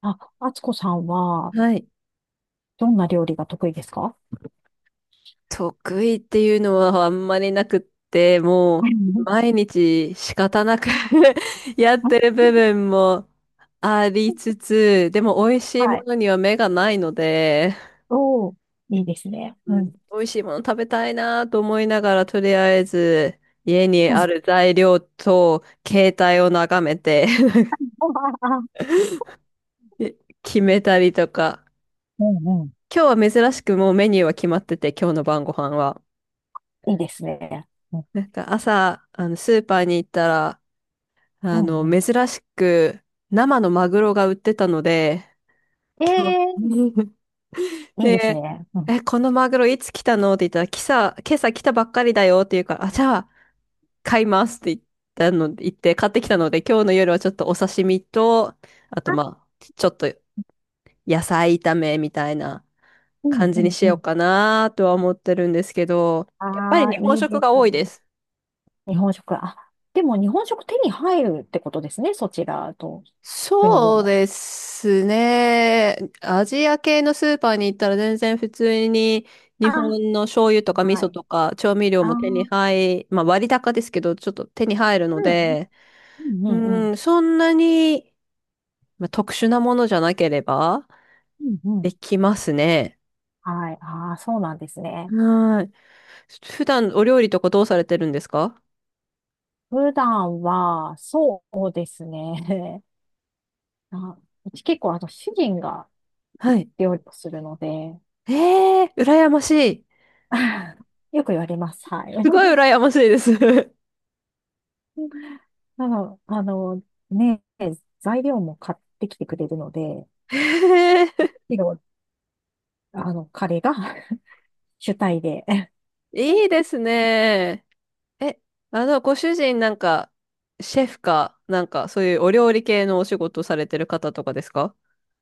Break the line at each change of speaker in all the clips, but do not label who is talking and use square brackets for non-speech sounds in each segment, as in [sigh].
あ、あつこさんは、
はい。
どんな料理が得意ですか？
得意っていうのはあんまりなくって、
う
もう
ん。
毎日仕方なく [laughs] やってる部分もありつつ、でも美味しい
は
も
い。
のには目がないので、
おー、いいですね。
う
う
ん、
ん。
美味しいもの食べたいなと思いながら、とりあえず家に
う
あ
ん、
る材料と携帯を眺めて
あ。
[laughs] 決めたりとか。
うんうん。
今日は珍しくもうメニューは決まってて、今日の晩ご飯は。
いいですね。うん、
なんか朝、スーパーに行ったら、
うん、うん。
珍しく生のマグロが売ってたので、今
え
日 [laughs]
ー、いいです
で、
ね。うん、あ。
え、このマグロいつ来たのって言ったら、今朝来たばっかりだよって言うから、あ、じゃあ買いますって言って買ってきたので、今日の夜はちょっとお刺身と、あとまあ、ちょっと野菜炒めみたいな
うん、
感
う
じに
ん、
し
う
よう
ん。
かなとは思ってるんですけど、やっぱり
ああ
日
ー、
本
いい
食
で
が
す
多
ね。
いです。
日本食。あ、でも日本食手に入るってことですね。そちらと国で
そう
も。
ですね。アジア系のスーパーに行ったら全然普通に日
あ。
本の醤油とか味
は
噌
い。
とか調味料
あ
も手に
ー、
入、まあ割高ですけど、ちょっと手に入るの
うん、うん、
で、
うん、うんう
う
ん。
ん、そんなに、まあ、特殊なものじゃなければ
うんうん。
できますね。
はい。ああ、そうなんですね。
はい。普段お料理とかどうされてるんですか？
普段は、そうですね。[laughs] あ、うち結構、主人が
はい。
料理をするので、
えー、羨ましい。
[laughs] よく言われます。はい。
すごい羨ましいです。[laughs]
[laughs] なの、あの、ね、材料も買ってきてくれるので、
え
けど彼が [laughs] 主体で。[laughs]
ー、いいですね。え、ご主人なんか、シェフか、なんか、そういうお料理系のお仕事されてる方とかですか？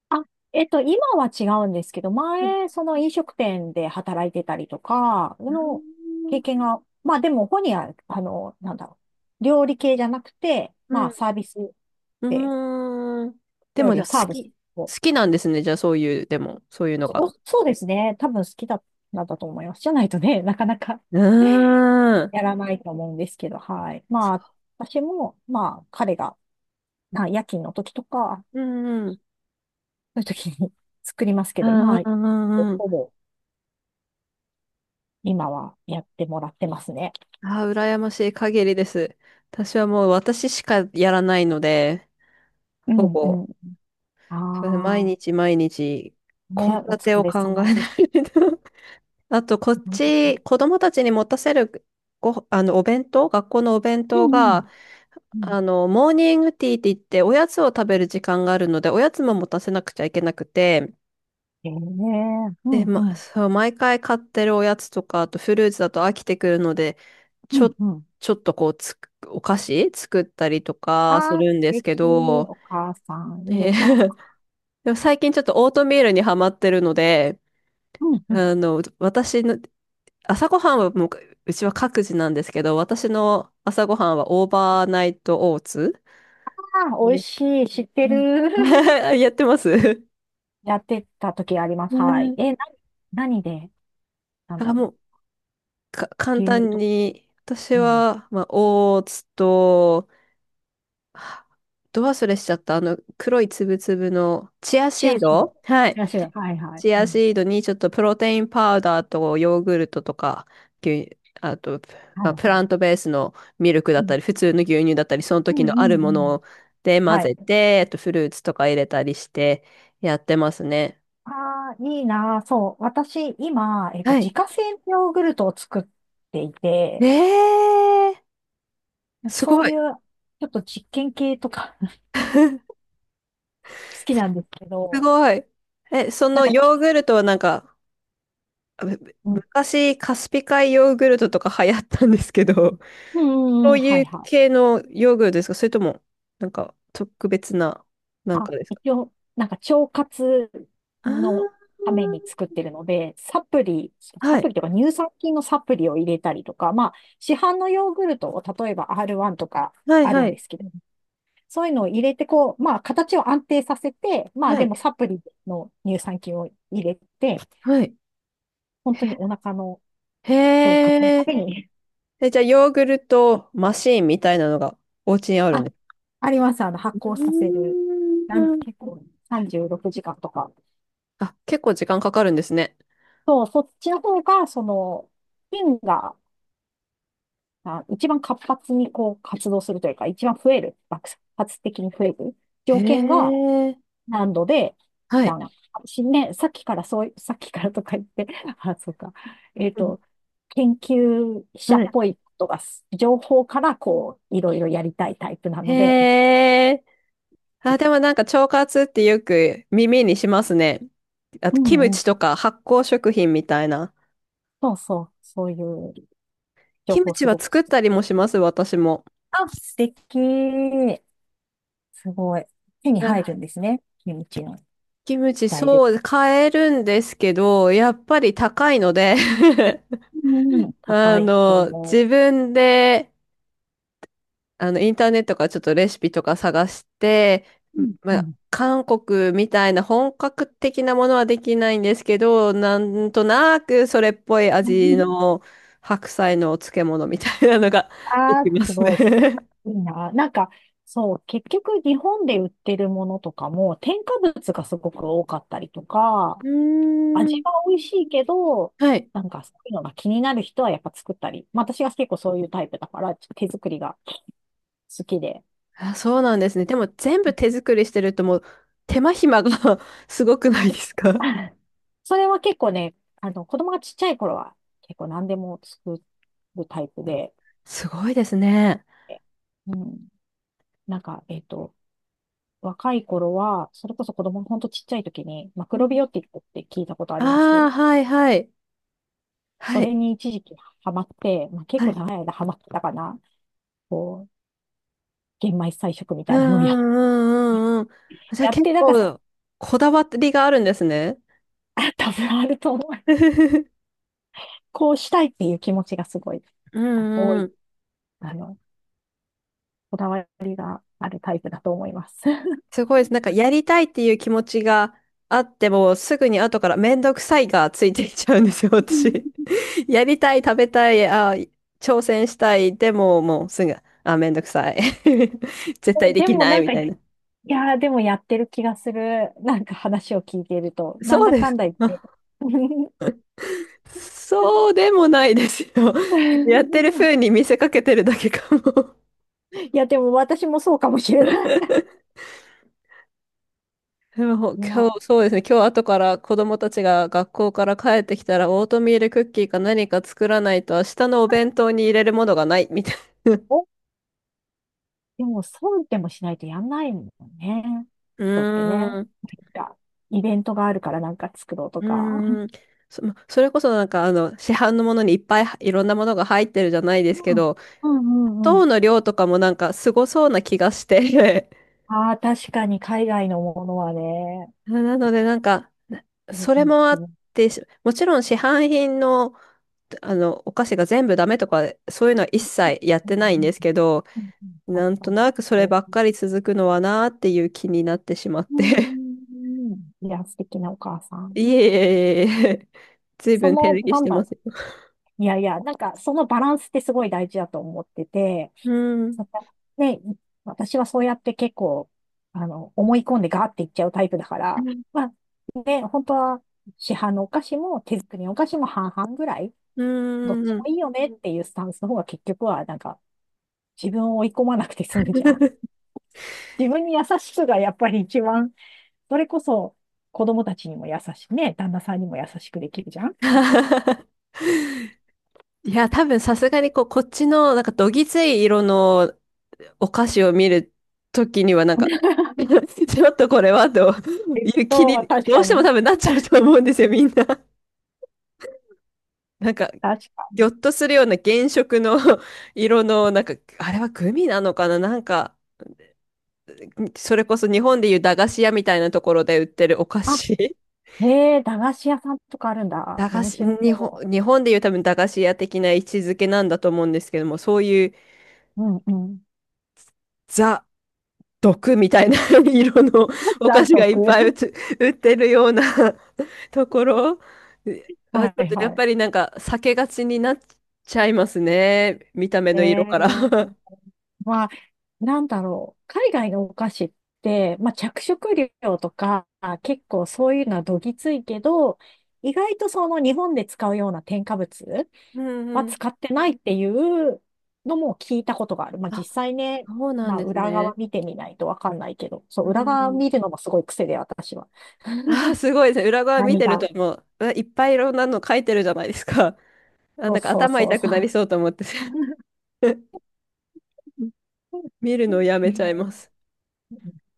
あ、今は違うんですけど、
うん。
前、その飲食店で働いてたりとか、の経験が、まあでも、本人は、なんだろう、料理系じゃなくて、
う
まあ
ん。
サービスで、
うーん。で
料
も
理
じゃ
を
あ
サ
好
ーブする。
き。好きなんですね。じゃあそういう、でも、そういうの
そ
が。
う、そうですね。多分好きだったんだと思います。じゃないとね、[laughs] なかなか
うーん。
やらないと思うんですけど、はい。まあ、
そ
私も、まあ、彼が、まあ、夜勤の時とか、
う、うんうん。
そういう時に [laughs] 作りますけ
う
ど、
んう
ま
ん
あ、
うんうん。
ほぼ今はやってもらってますね。
ああ、羨ましい限りです。私はもう私しかやらないので、
う
ほ
んう
ぼ、
ん。
それ毎
あ
日毎日、
あ、
献
ね、お
立
疲
を
れ
考
様
えな
です。
いと。あと、こっ
本当に。
ち、子供たちに持たせるご、あの、お弁当、学校のお弁
う
当
んう
が、
ん。うん、
モーニングティーって言って、おやつを食べる時間があるので、おやつも持たせなくちゃいけなくて、
ええ、う
で、
んう
ま、
ん。
そう、毎回買ってるおやつとか、あとフルーツだと飽きてくるので、ち
う
ょ、
んうん。
ちょっとこうお菓子作ったりとかす
ああ、素
るんですけ
敵。
ど、
お母さん、いい
え
お母
ー [laughs] でも最近ちょっとオートミールにハマってるので、
うんうん、
私の朝ごはんはもう、うちは各自なんですけど、私の朝ごはんはオーバーナイトオーツ。
あー、[laughs] 美味
ね。
しい。知って
うん
る。
[laughs]。やってます。
[laughs] やってた時ありま
う
す。はい。
ん、
え、な、何で、なん
あ、
だろ
もう、簡
う。牛乳
単
と、
に、私
うん。
は、まあ、オーツと、はど忘れしちゃった、黒いつぶつぶの、チア
チ
シ
ア
ー
シー
ド。
ド。
はい。
チアシード。はいはい。
チ
う
ア
ん。
シードにちょっとプロテインパウダーとヨーグルトとか、牛あと、
は
ま
い
あ、
は
プ
い。
ラントベースのミルクだ
う
った
ん
り、普通の牛乳だったり、その
う
時
んう
のあ
ん
るも
うん。
ので混
はい。
ぜて、あとフルーツとか入れたりしてやってますね。
ああ、いいなー。そう。私、今、
はい。
自家製のヨーグルトを作っていて、
えー、す
そ
ご
う
い、
いう、ちょっと実験系とか [laughs] 好きなんですけ
す
ど、
ごい。そ
なん
の
か
ヨ
ち、
ーグルトはなんか、む
うん。
昔カスピ海ヨーグルトとか流行ったんですけど、
う
[laughs]
んう
そ
んう
う
ん。は
い
い
う
はい。
系のヨーグルトですか？それとも、なんか特別な、なん
あ、
かですか？
一応、なんか腸活
あ
の
あ、
ために作ってるので、サ
はい、
プリとか乳酸菌のサプリを入れたりとか、まあ、市販のヨーグルトを例えば R1 とか
はい、
ある
は
ん
い、
ですけど、そういうのを入れて、こう、まあ、形を安定させて、まあ、
は
でも
い、
サプリの乳酸菌を入れて、
はい。
本当にお腹の
へ
腸活のた
え、
めに、
え、じゃあ、ヨーグルトマシーンみたいなのがお家にあ
[laughs]
る
あ、
んです。
あります。あの、
う
発酵させる。
ーん。
結構36時間とか。
あ、結構時間かかるんですね。
そう、そっちの方が、菌が、あ、一番活発にこう活動するというか、一番増える、爆発的に増える
へ
条件が
え、
何度で
はい。
何。ね、さっきからとか言って、[laughs] あ、そうか。えっ
うん、
と、研究者
は
っ
い。
ぽいことが情報からこう、いろいろやりたいタイプな
へ
ので、
え、あ、でもなんか腸活ってよく耳にしますね。あ
う
と、キム
んう
チと
ん。
か発酵食品みたいな。
そうそう、そういう情
キム
報
チ
す
は
ごく好
作
き。
ったりもします、私も。
あ、素敵。すごい。手に入
は
る
い。
んですね。キムチの
キムチ、
材料。
そう、買えるんですけど、やっぱり高いので [laughs]
うんうん、高いと思
自分で、インターネットからちょっとレシピとか探して、
う。うん
ま
う
あ、
ん。
韓国みたいな本格的なものはできないんですけど、なんとなくそれっぽい味
[laughs]
の白菜のお漬物みたいなのがで
ああ、
きま
す
す
ごいっす。
ね
いいな。なんか、そう、結局日本で売ってるものとかも添加物がすごく多かったりとか、
[laughs] うー
味
ん。
は美味しいけど、
はい。
なんかそういうのが気になる人はやっぱ作ったり、まあ私が結構そういうタイプだから、手作りが好きで。
あ、そうなんですね。でも全部手作りしてるともう手間暇が [laughs] すごくないですか？
[laughs] それは結構ね、子供がちっちゃい頃は結構何でも作るタイプで、
すごいですね。
うん、なんか、若い頃は、それこそ子供のほんとちっちゃい時に、マク
う
ロビ
ん。
オティックって聞いたことあります？
ああ、はいはい。
そ
はい。
れに一時期ハマって、まあ、結
は
構
い。
長い間ハマってたかな。こう、玄米菜食み
う
た
ん
いなのをやって、
うんうんうんうん。
[laughs]
じゃあ
やっ
結
て、だから、
構こだわりがあるんですね。
あ多分あると思う。
[laughs]
こうしたいっていう気持ちがすごい、
う
多
んう
い、
ん。
あの、こだわりがあるタイプだと思います。
すごいです。なんかやりたいっていう気持ちがあっても、すぐに後からめんどくさいがついていっちゃうんですよ、私。[laughs]
[laughs]
やりたい、食べたい、あ、挑戦したい、でももうすぐ、あ、めんどくさい。[laughs] 絶対で
で
き
も
ない
なん
み
か、
たい
い
な。
やーでもやってる気がする。なんか話を聞いていると、なん
そう
だ
で
か
す
ん
か。
だ言って。
あ、そうでもないですよ。[laughs] やって
[laughs]
る風に見せかけてるだけかも。
いや、でも私もそうかもしれない。[laughs]
でも
い
今日、
や、
そうですね、今日後から子供たちが学校から帰ってきたら、オートミールクッキーか何か作らないと、明日のお弁当に入れるものがない、みたいな。
お、でも、そうでもしないとやんないもんね。
[laughs] う
人ってね、なん
ーん、
か、イベントがあるからなんか作ろうと
う
か。
ーん。まそれこそなんか市販のものにいっぱいいろんなものが入ってるじゃないですけ
うん。
ど、
うんうんう
糖
ん。
の量とかもなんかすごそうな気がして。
ああ、確かに海外のものはね。
[laughs] なのでなんか、
うん
それ
うん
もあ
う
っ
ん
て、もちろん市販品の、お菓子が全部ダメとか、そういうのは一切やっ
う
てないんで
ん
すけど、
うんうん、確
なん
か
と
に。
なくそればっかり続くのはなーっていう気になってしまっ
うん
て
うんうんうん、いや、素敵なお母さ
[laughs]
ん。
いえいえいえいえ。ずい
そ
ぶん手
の、
抜き
な
し
ん
て
だ
ま
ろ。
すよ。
いやいや、なんかそのバランスってすごい大事だと思ってて、
うん。
そね、私はそうやって結構、思い込んでガーっていっちゃうタイプだから、まあ、ね、本当は市販のお菓子も手作りのお菓子も半々ぐらい、
う
どっ
ん。
ち
うん
もいいよねっていうスタンスの方が結局は、なんか、自分を追い込まなくて済むじゃん。[laughs] 自分に優しくがやっぱり一番、それこそ子供たちにも優しくね、旦那さんにも優しくできるじゃん。
[laughs] いや、多分さすがにこう、こっちのなんかどぎつい色のお菓子を見るときにはなんか [laughs] ちょっとこれはという気に
確
どう
か
しても多
に。
分なっちゃうと思うんですよ、[laughs] みんな。なんか、
確か
ぎょっ
に。
とするような原色の [laughs] 色の、なんか、あれはグミなのかななんか、それこそ日本でいう駄菓子屋みたいなところで売ってるお菓
あ、
子
へえ、駄菓子屋さんとかあるん
[laughs]
だ。
駄菓
面
子、
白
日本、
そ
日本でいう多分駄菓子屋的な位置づけなんだと思うんですけども、そういう
う。うんうん。
ザ、毒みたいな [laughs] 色のお
ざ
菓
っ
子がいっぱい
[laughs]
[laughs] 売ってるような [laughs] ところ、あ、ち
は
ょっ
い
とや
は
っ
い。
ぱりなんか避けがちになっちゃいますね。見た目
え
の色から
え、
[laughs]
まあ、なんだろう。海外のお菓子って、まあ、着色料とか、結構そういうのはどぎついけど、意外とその日本で使うような添加物
うん
は
うん。
使ってないっていうのも聞いたことがある。まあ、実
あ、
際ね、
そうなん
まあ、
です
裏側
ね。
見てみないとわかんないけど、そ
う
う、裏
んう
側
ん。
見るのもすごい癖で、私は。
ああ、すごいですね。裏側見
何
てる
が。
ともう、うわいっぱいいろんなの書いてるじゃないですか。[laughs] あ、
そ
な
う
んか
そう
頭
そう
痛く
そ
なり
う。
そうと思って [laughs] 見るのをや
[laughs]
めちゃい
もう、
ます。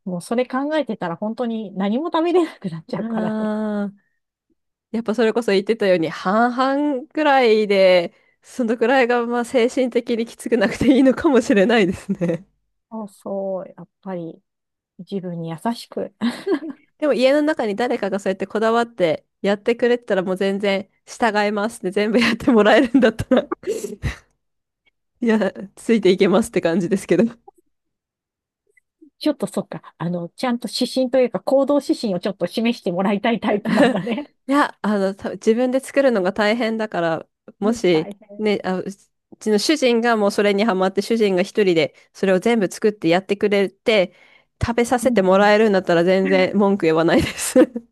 もうそれ考えてたら本当に何も食べれなくなっちゃうからね。
ああ、やっぱそれこそ言ってたように、半々くらいで、そのくらいがまあ精神的にきつくなくていいのかもしれないですね。
[laughs] そうそう、やっぱり自分に優しく。[laughs]
[laughs] でも家の中に誰かがそうやってこだわってやってくれてたらもう全然従いますって全部やってもらえるんだったら [laughs] いや、ついていけますって感じですけど。
ちょっとそっか、ちゃんと指針というか行動指針をちょっと示してもらいたいタイプなんだね。
[laughs] いや、自分で作るのが大変だから、
[laughs] う
も
ん、
し、
大変。
ね、あ、うちの主人がもうそれにハマって、主人が一人でそれを全部作ってやってくれて、食べさ
う
せ
ん
て
う
も
ん。
らえるんだったら全然文句言わないです。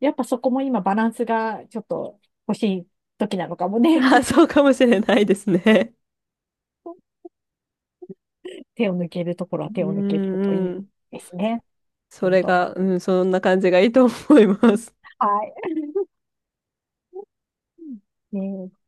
やっぱそこも今バランスがちょっと欲しい時なのかも
[laughs]
ね。
あ、そうかもしれないですね。
[laughs] 手を抜けるところは手
う
を抜けるとい
ん
い
うん。
ですね。
そ
本
れ
当。
が、うん、そんな感じがいいと思います。
はい。ねえ